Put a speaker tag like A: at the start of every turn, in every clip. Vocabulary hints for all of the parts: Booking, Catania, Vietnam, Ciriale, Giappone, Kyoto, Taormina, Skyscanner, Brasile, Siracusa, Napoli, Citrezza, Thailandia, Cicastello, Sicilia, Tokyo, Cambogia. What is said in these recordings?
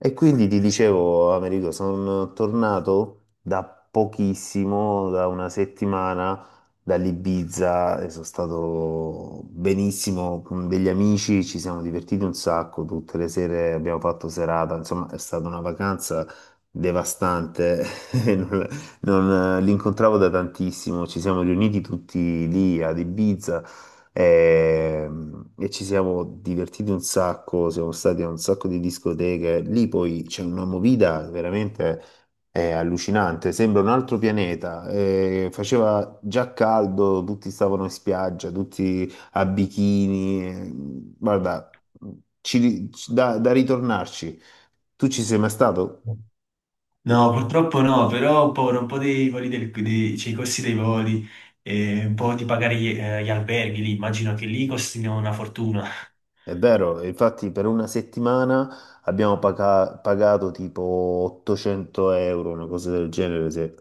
A: E quindi ti dicevo, Americo, sono tornato da pochissimo, da una settimana, dall'Ibiza e sono stato benissimo con degli amici, ci siamo divertiti un sacco, tutte le sere abbiamo fatto serata, insomma è stata una vacanza devastante, e l'incontravo da tantissimo, ci siamo riuniti tutti lì ad Ibiza. E, e ci siamo divertiti un sacco, siamo stati a un sacco di discoteche. Lì poi c'è una movida veramente allucinante, sembra un altro pianeta. Faceva già caldo, tutti stavano in spiaggia, tutti a bikini. Guarda, ci ri- ci- da, da ritornarci. Tu ci sei mai stato?
B: No, purtroppo no, però ho paura un po' dei voli cioè, i costi dei voli e un po' di pagare gli alberghi lì. Immagino che lì costino una fortuna.
A: È vero, infatti per una settimana abbiamo pagato tipo 800 euro, una cosa del genere.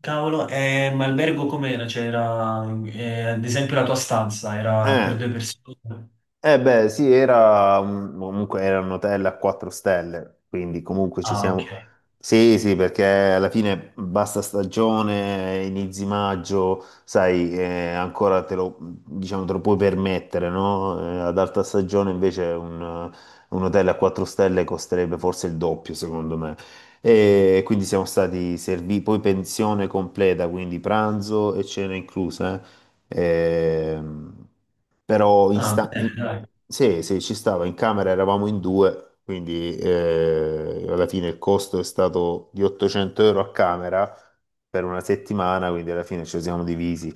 B: Cavolo, ma albergo com'era? C'era, ad esempio, la tua stanza era
A: Eh,
B: per due persone?
A: eh beh, sì, era comunque era un hotel a 4 stelle, quindi comunque ci
B: Ah, ok.
A: siamo. Sì, sì, perché alla fine basta stagione, inizi maggio, sai, ancora te lo, diciamo, te lo puoi permettere, no? Ad alta stagione invece un hotel a 4 stelle costerebbe forse il doppio, secondo me. E quindi siamo stati serviti, poi pensione completa, quindi pranzo e cena inclusa. Eh. Però in
B: Ah,
A: sta-
B: bene,
A: in-
B: dai.
A: Sì, sì, ci stava, in camera eravamo in due, quindi alla fine il costo è stato di 800 euro a camera per una settimana, quindi alla fine ci siamo divisi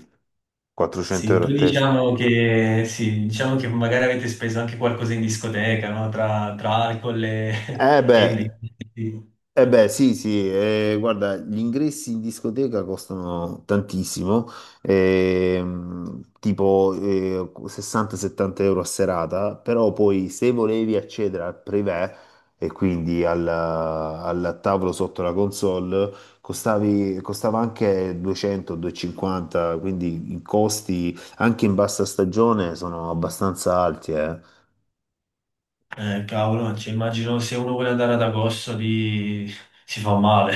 A: 400
B: Sì,
A: euro a
B: poi
A: testa.
B: diciamo che, sì, diciamo che magari avete speso anche qualcosa in discoteca, no? Tra alcol e...
A: Eh
B: e...
A: beh,
B: bibite.
A: Eh beh, sì, sì, guarda, gli ingressi in discoteca costano tantissimo, 60-70 euro a serata, però poi se volevi accedere al privé e quindi al tavolo sotto la console, costava anche 200-250, quindi i costi anche in bassa stagione sono abbastanza alti. Eh,
B: Cavolo, cioè, immagino se uno vuole andare ad agosto di... si fa male.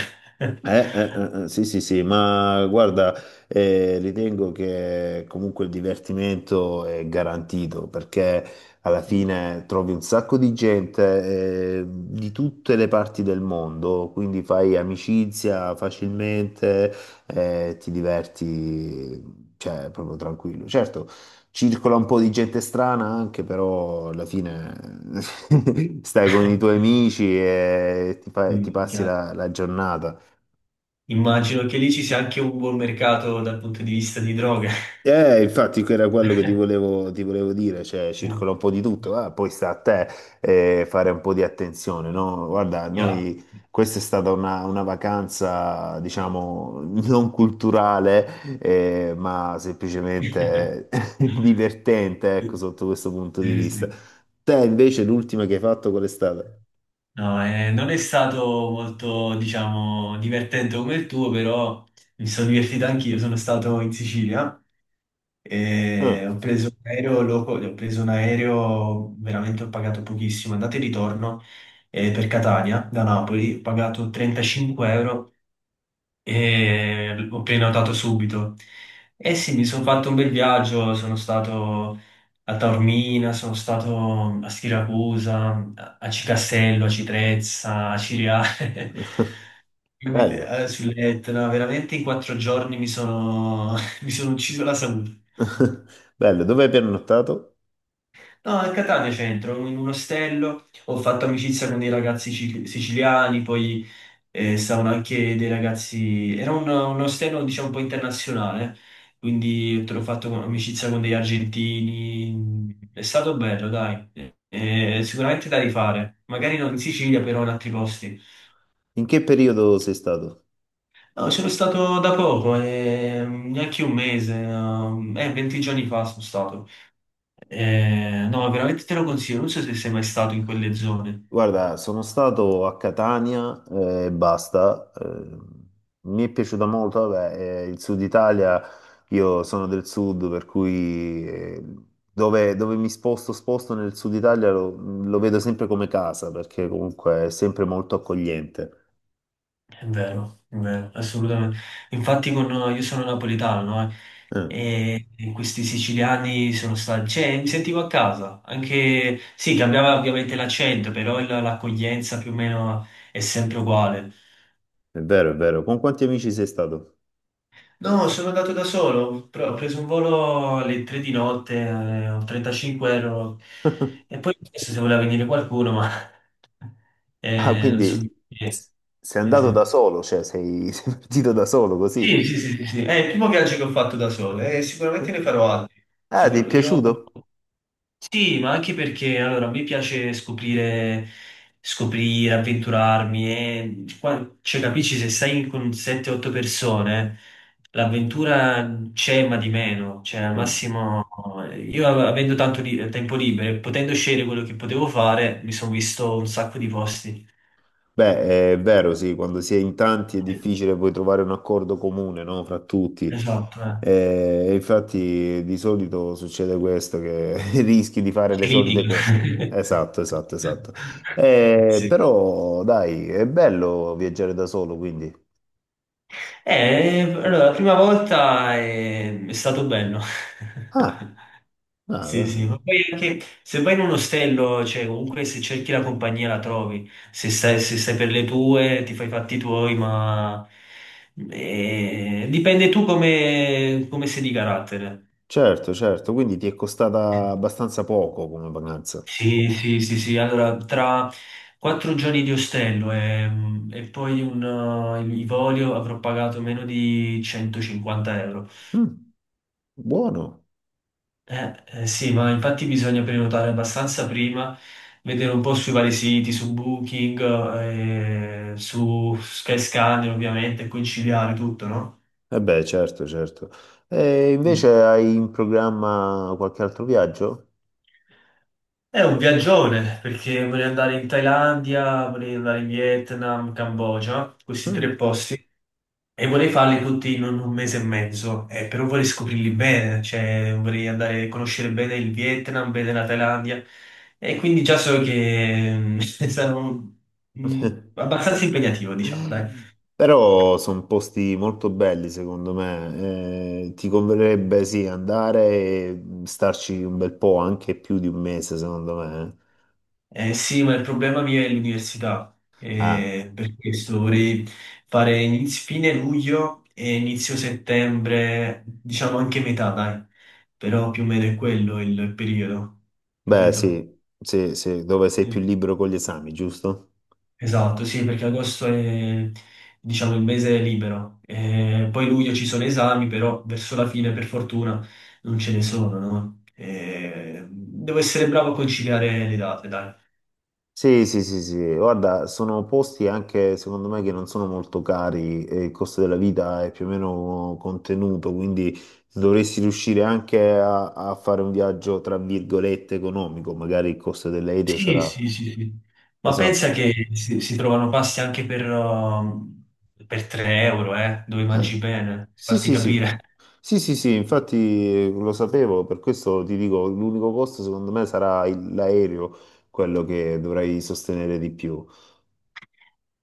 A: Eh, eh, sì, sì, sì, ma guarda, ritengo che comunque il divertimento è garantito perché alla fine trovi un sacco di gente, di tutte le parti del mondo, quindi fai amicizia facilmente, ti diverti, cioè, proprio tranquillo. Certo, circola un po' di gente strana anche, però alla fine stai con i tuoi amici e ti
B: Mm,
A: passi
B: chiaro.
A: la giornata.
B: Immagino che lì ci sia anche un buon mercato dal punto di vista di droghe.
A: Infatti era quello che ti volevo dire, cioè
B: Sì.
A: circola un po' di tutto, ah, poi sta a te fare un po' di attenzione, no? Guarda,
B: Chiaro.
A: noi, questa è stata una vacanza, diciamo, non culturale, ma semplicemente divertente, ecco, sotto questo punto di
B: Sì,
A: vista.
B: sì.
A: Te invece l'ultima che hai fatto qual è stata?
B: No, non è stato molto, diciamo, divertente come il tuo, però mi sono divertito anch'io. Sono stato in Sicilia e
A: Ah,
B: ho preso un aereo, ho preso un aereo, veramente ho pagato pochissimo, andata e ritorno per Catania da Napoli, ho pagato 35 euro e ho prenotato subito. E sì, mi sono fatto un bel viaggio, sono stato a Taormina, sono stato a Siracusa, a Cicastello, a Citrezza, a Ciriale. Quindi,
A: bello,
B: sull'Etna, veramente in quattro giorni mi sono, mi sono ucciso la salute.
A: bello, dove hai pernottato?
B: No, a Catania centro, in un ostello, ho fatto amicizia con dei ragazzi siciliani, poi stavano anche dei ragazzi... Era un ostello, diciamo, un po' internazionale, quindi te l'ho fatto amicizia con degli argentini. È stato bello, dai. Sicuramente da rifare. Magari non in Sicilia, però in altri posti.
A: In che periodo sei stato?
B: No, sono stato da poco, neanche un mese, 20 giorni fa sono stato. No, veramente te lo consiglio, non so se sei mai stato in quelle zone.
A: Guarda, sono stato a Catania, e basta. Mi è piaciuta molto, vabbè, il sud Italia, io sono del sud, per cui dove mi sposto, sposto nel sud Italia lo vedo sempre come casa, perché comunque è sempre molto accogliente.
B: È vero, assolutamente. Infatti con, io sono napoletano, no? Mm.
A: Eh,
B: E questi siciliani sono stati, cioè mi sentivo a casa, anche, sì, cambiava ovviamente l'accento, però l'accoglienza più o meno è sempre uguale.
A: è vero, è vero. Con quanti amici sei stato?
B: No, sono andato da solo, però ho preso un volo alle 3 di notte, ho 35 euro, e poi ho chiesto se voleva venire qualcuno, ma
A: Ah,
B: non
A: quindi
B: so perché.
A: s- sei
B: Sì,
A: andato da
B: sì.
A: solo, cioè sei, sei partito da solo così.
B: Sì, sì, sì, sì, sì. È il primo viaggio che ho fatto da solo e
A: Eh?
B: sicuramente ne farò altri.
A: Ah, ti è
B: Sicuro. Io...
A: piaciuto?
B: Sì, ma anche perché allora, mi piace scoprire, scoprire, avventurarmi e cioè, capisci, se stai con 7-8 persone, l'avventura c'è ma di meno. Cioè, al
A: Mm.
B: massimo, io avendo tanto tempo libero e potendo scegliere quello che potevo fare, mi sono visto un sacco di posti.
A: Beh, è vero, sì, quando si è in tanti è
B: Eh,
A: difficile poi trovare un accordo comune, no, fra tutti.
B: Esatto, eh.
A: E infatti di solito succede questo, che rischi di fare le solite
B: Critica.
A: cose. Esatto, esatto, esatto.
B: Sì.
A: Però, dai, è bello viaggiare da solo, quindi.
B: Allora, la prima volta è stato bello.
A: Ah, ah,
B: Sì, sì, ma poi anche se vai in un ostello, cioè comunque se cerchi la compagnia la trovi, se stai, se stai per le tue ti fai i fatti tuoi, ma dipende tu come, come sei di carattere.
A: certo, certo, quindi ti è costata abbastanza poco come vacanza.
B: Sì, sì, sì, sì. Allora, tra quattro giorni di ostello e poi i voli avrò pagato meno di 150 euro.
A: Mm, buono.
B: Sì, ma infatti bisogna prenotare abbastanza prima, vedere un po' sui vari siti, su Booking, su Skyscanner ovviamente, e conciliare tutto, no?
A: E beh, certo, certo. E invece
B: Mm.
A: hai in programma qualche altro viaggio?
B: È un viaggione, perché vorrei andare in Thailandia, vorrei andare in Vietnam, Cambogia, questi
A: Ah.
B: tre posti. E vorrei farli tutti in un mese e mezzo, però vorrei scoprirli bene, cioè vorrei andare a conoscere bene il Vietnam, bene la Thailandia, e quindi già so che sarò abbastanza impegnativo, diciamo, dai.
A: Però sono posti molto belli, secondo me. Ti converrebbe sì andare e starci un bel po', anche più di un mese, secondo me.
B: Sì, ma il problema mio è l'università,
A: Ah,
B: per questo vorrei fare fine luglio e inizio settembre, diciamo anche metà, dai, però più o meno è quello il periodo,
A: beh,
B: capito?
A: sì, sì, sì, dove sei più libero con gli esami, giusto?
B: Esatto, sì, perché agosto è, diciamo, il mese libero. Poi luglio ci sono esami, però verso la fine, per fortuna, non ce ne sono, no? Devo essere bravo a conciliare le date, dai.
A: Sì, sì, sì, sì, guarda, sono posti anche secondo me che non sono molto cari e il costo della vita è più o meno contenuto, quindi dovresti riuscire anche a fare un viaggio tra virgolette economico, magari il costo dell'aereo
B: Sì,
A: sarà
B: sì, sì, sì. Ma pensa
A: esatto.
B: che si trovano pasti anche per 3 euro, dove mangi
A: Eh,
B: bene,
A: Sì,
B: farti
A: sì, sì.
B: capire.
A: Sì, sì, sì, infatti lo sapevo, per questo ti dico, l'unico costo secondo me sarà l'aereo, quello che dovrai sostenere di più.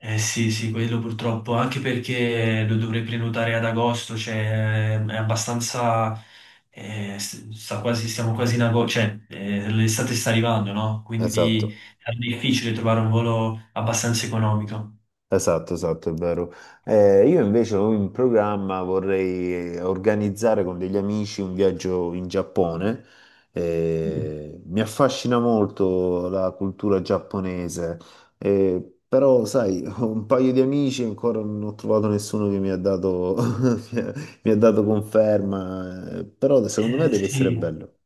B: Eh sì, sì, quello purtroppo, anche perché lo dovrei prenotare ad agosto, cioè è abbastanza, sta quasi, siamo quasi in agosto, cioè l'estate sta arrivando, no?
A: Esatto.
B: Quindi è difficile trovare un volo abbastanza economico.
A: Esatto, esatto, è vero. Io invece ho in programma, vorrei organizzare con degli amici un viaggio in Giappone.
B: Mm.
A: Mi affascina molto la cultura giapponese. Però sai, ho un paio di amici e ancora non ho trovato nessuno che mi ha dato conferma. Però secondo me deve essere
B: Sì.
A: bello.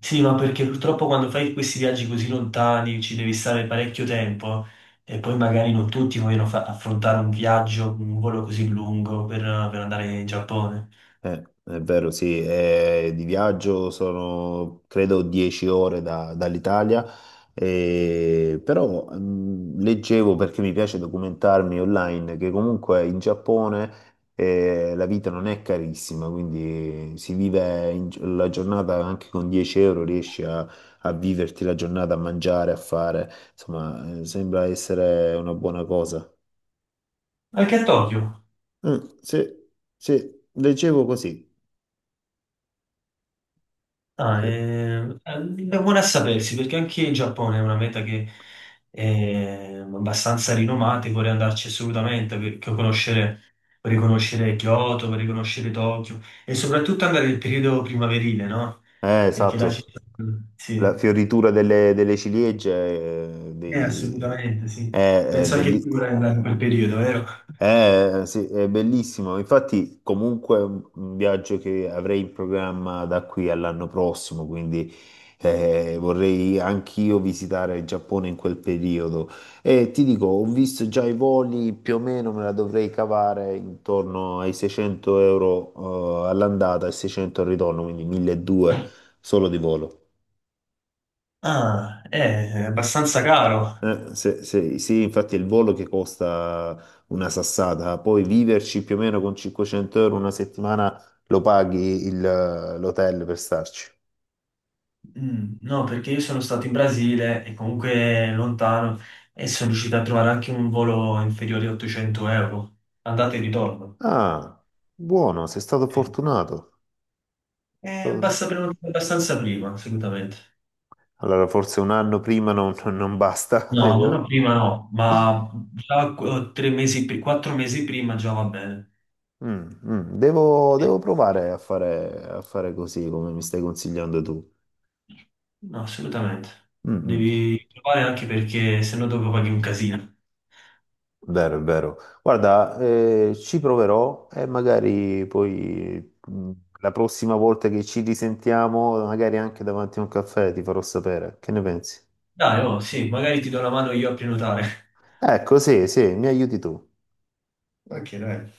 B: Sì, ma perché purtroppo quando fai questi viaggi così lontani ci devi stare parecchio tempo e poi magari non tutti vogliono affrontare un viaggio, un volo così lungo per andare in Giappone.
A: È vero, sì, di viaggio sono credo 10 ore dall'Italia, però leggevo perché mi piace documentarmi online che comunque in Giappone la vita non è carissima, quindi si vive la giornata anche con 10 euro, riesci a viverti la giornata, a mangiare, a fare, insomma, sembra essere una buona cosa.
B: Anche a Tokyo.
A: Mm, sì, sì, leggevo così.
B: Ah,
A: Sì.
B: è buona a sapersi perché anche in Giappone è una meta che è abbastanza rinomata e vorrei andarci assolutamente per conoscere, per riconoscere Kyoto, per riconoscere Tokyo e soprattutto andare nel periodo primaverile, no? Perché là ci
A: Esatto.
B: sono...
A: La
B: Sì,
A: fioritura delle ciliegie,
B: eh, assolutamente sì.
A: è, è
B: Penso anche
A: belli-
B: tu vorrai andare in quel periodo, vero?
A: sì, è bellissimo. Infatti, comunque, è un viaggio che avrei in programma da qui all'anno prossimo, quindi vorrei anch'io visitare il Giappone in quel periodo. E ti dico, ho visto già i voli, più o meno me la dovrei cavare intorno ai 600 euro all'andata e 600 al ritorno, quindi 1200 solo di volo.
B: Ah, è abbastanza caro.
A: Sì, infatti è il volo che costa una sassata, poi viverci più o meno con 500 euro una settimana lo paghi l'hotel per starci.
B: Mm. No, perché io sono stato in Brasile e comunque lontano e sono riuscito a trovare anche un volo inferiore a 800 euro, andata e ritorno.
A: Ah, buono, sei stato
B: Sì.
A: fortunato. Stato-
B: Basta prenotare abbastanza prima, assolutamente.
A: Allora forse un anno prima non basta,
B: No, no, no,
A: devo...
B: prima no, ma già tre mesi, quattro mesi prima già va bene.
A: Mm, mm,
B: Sì.
A: devo provare a fare così come mi stai consigliando tu.
B: No, assolutamente.
A: Mm, mm.
B: Devi provare anche perché se no dopo paghi un casino.
A: Vero, è vero. Guarda, ci proverò e magari poi la prossima volta che ci risentiamo, magari anche davanti a un caffè, ti farò sapere. Che ne pensi?
B: Dai, oh, sì, magari ti do la mano io a prenotare.
A: Ecco, sì, sì, mi aiuti tu.
B: Ok, dai.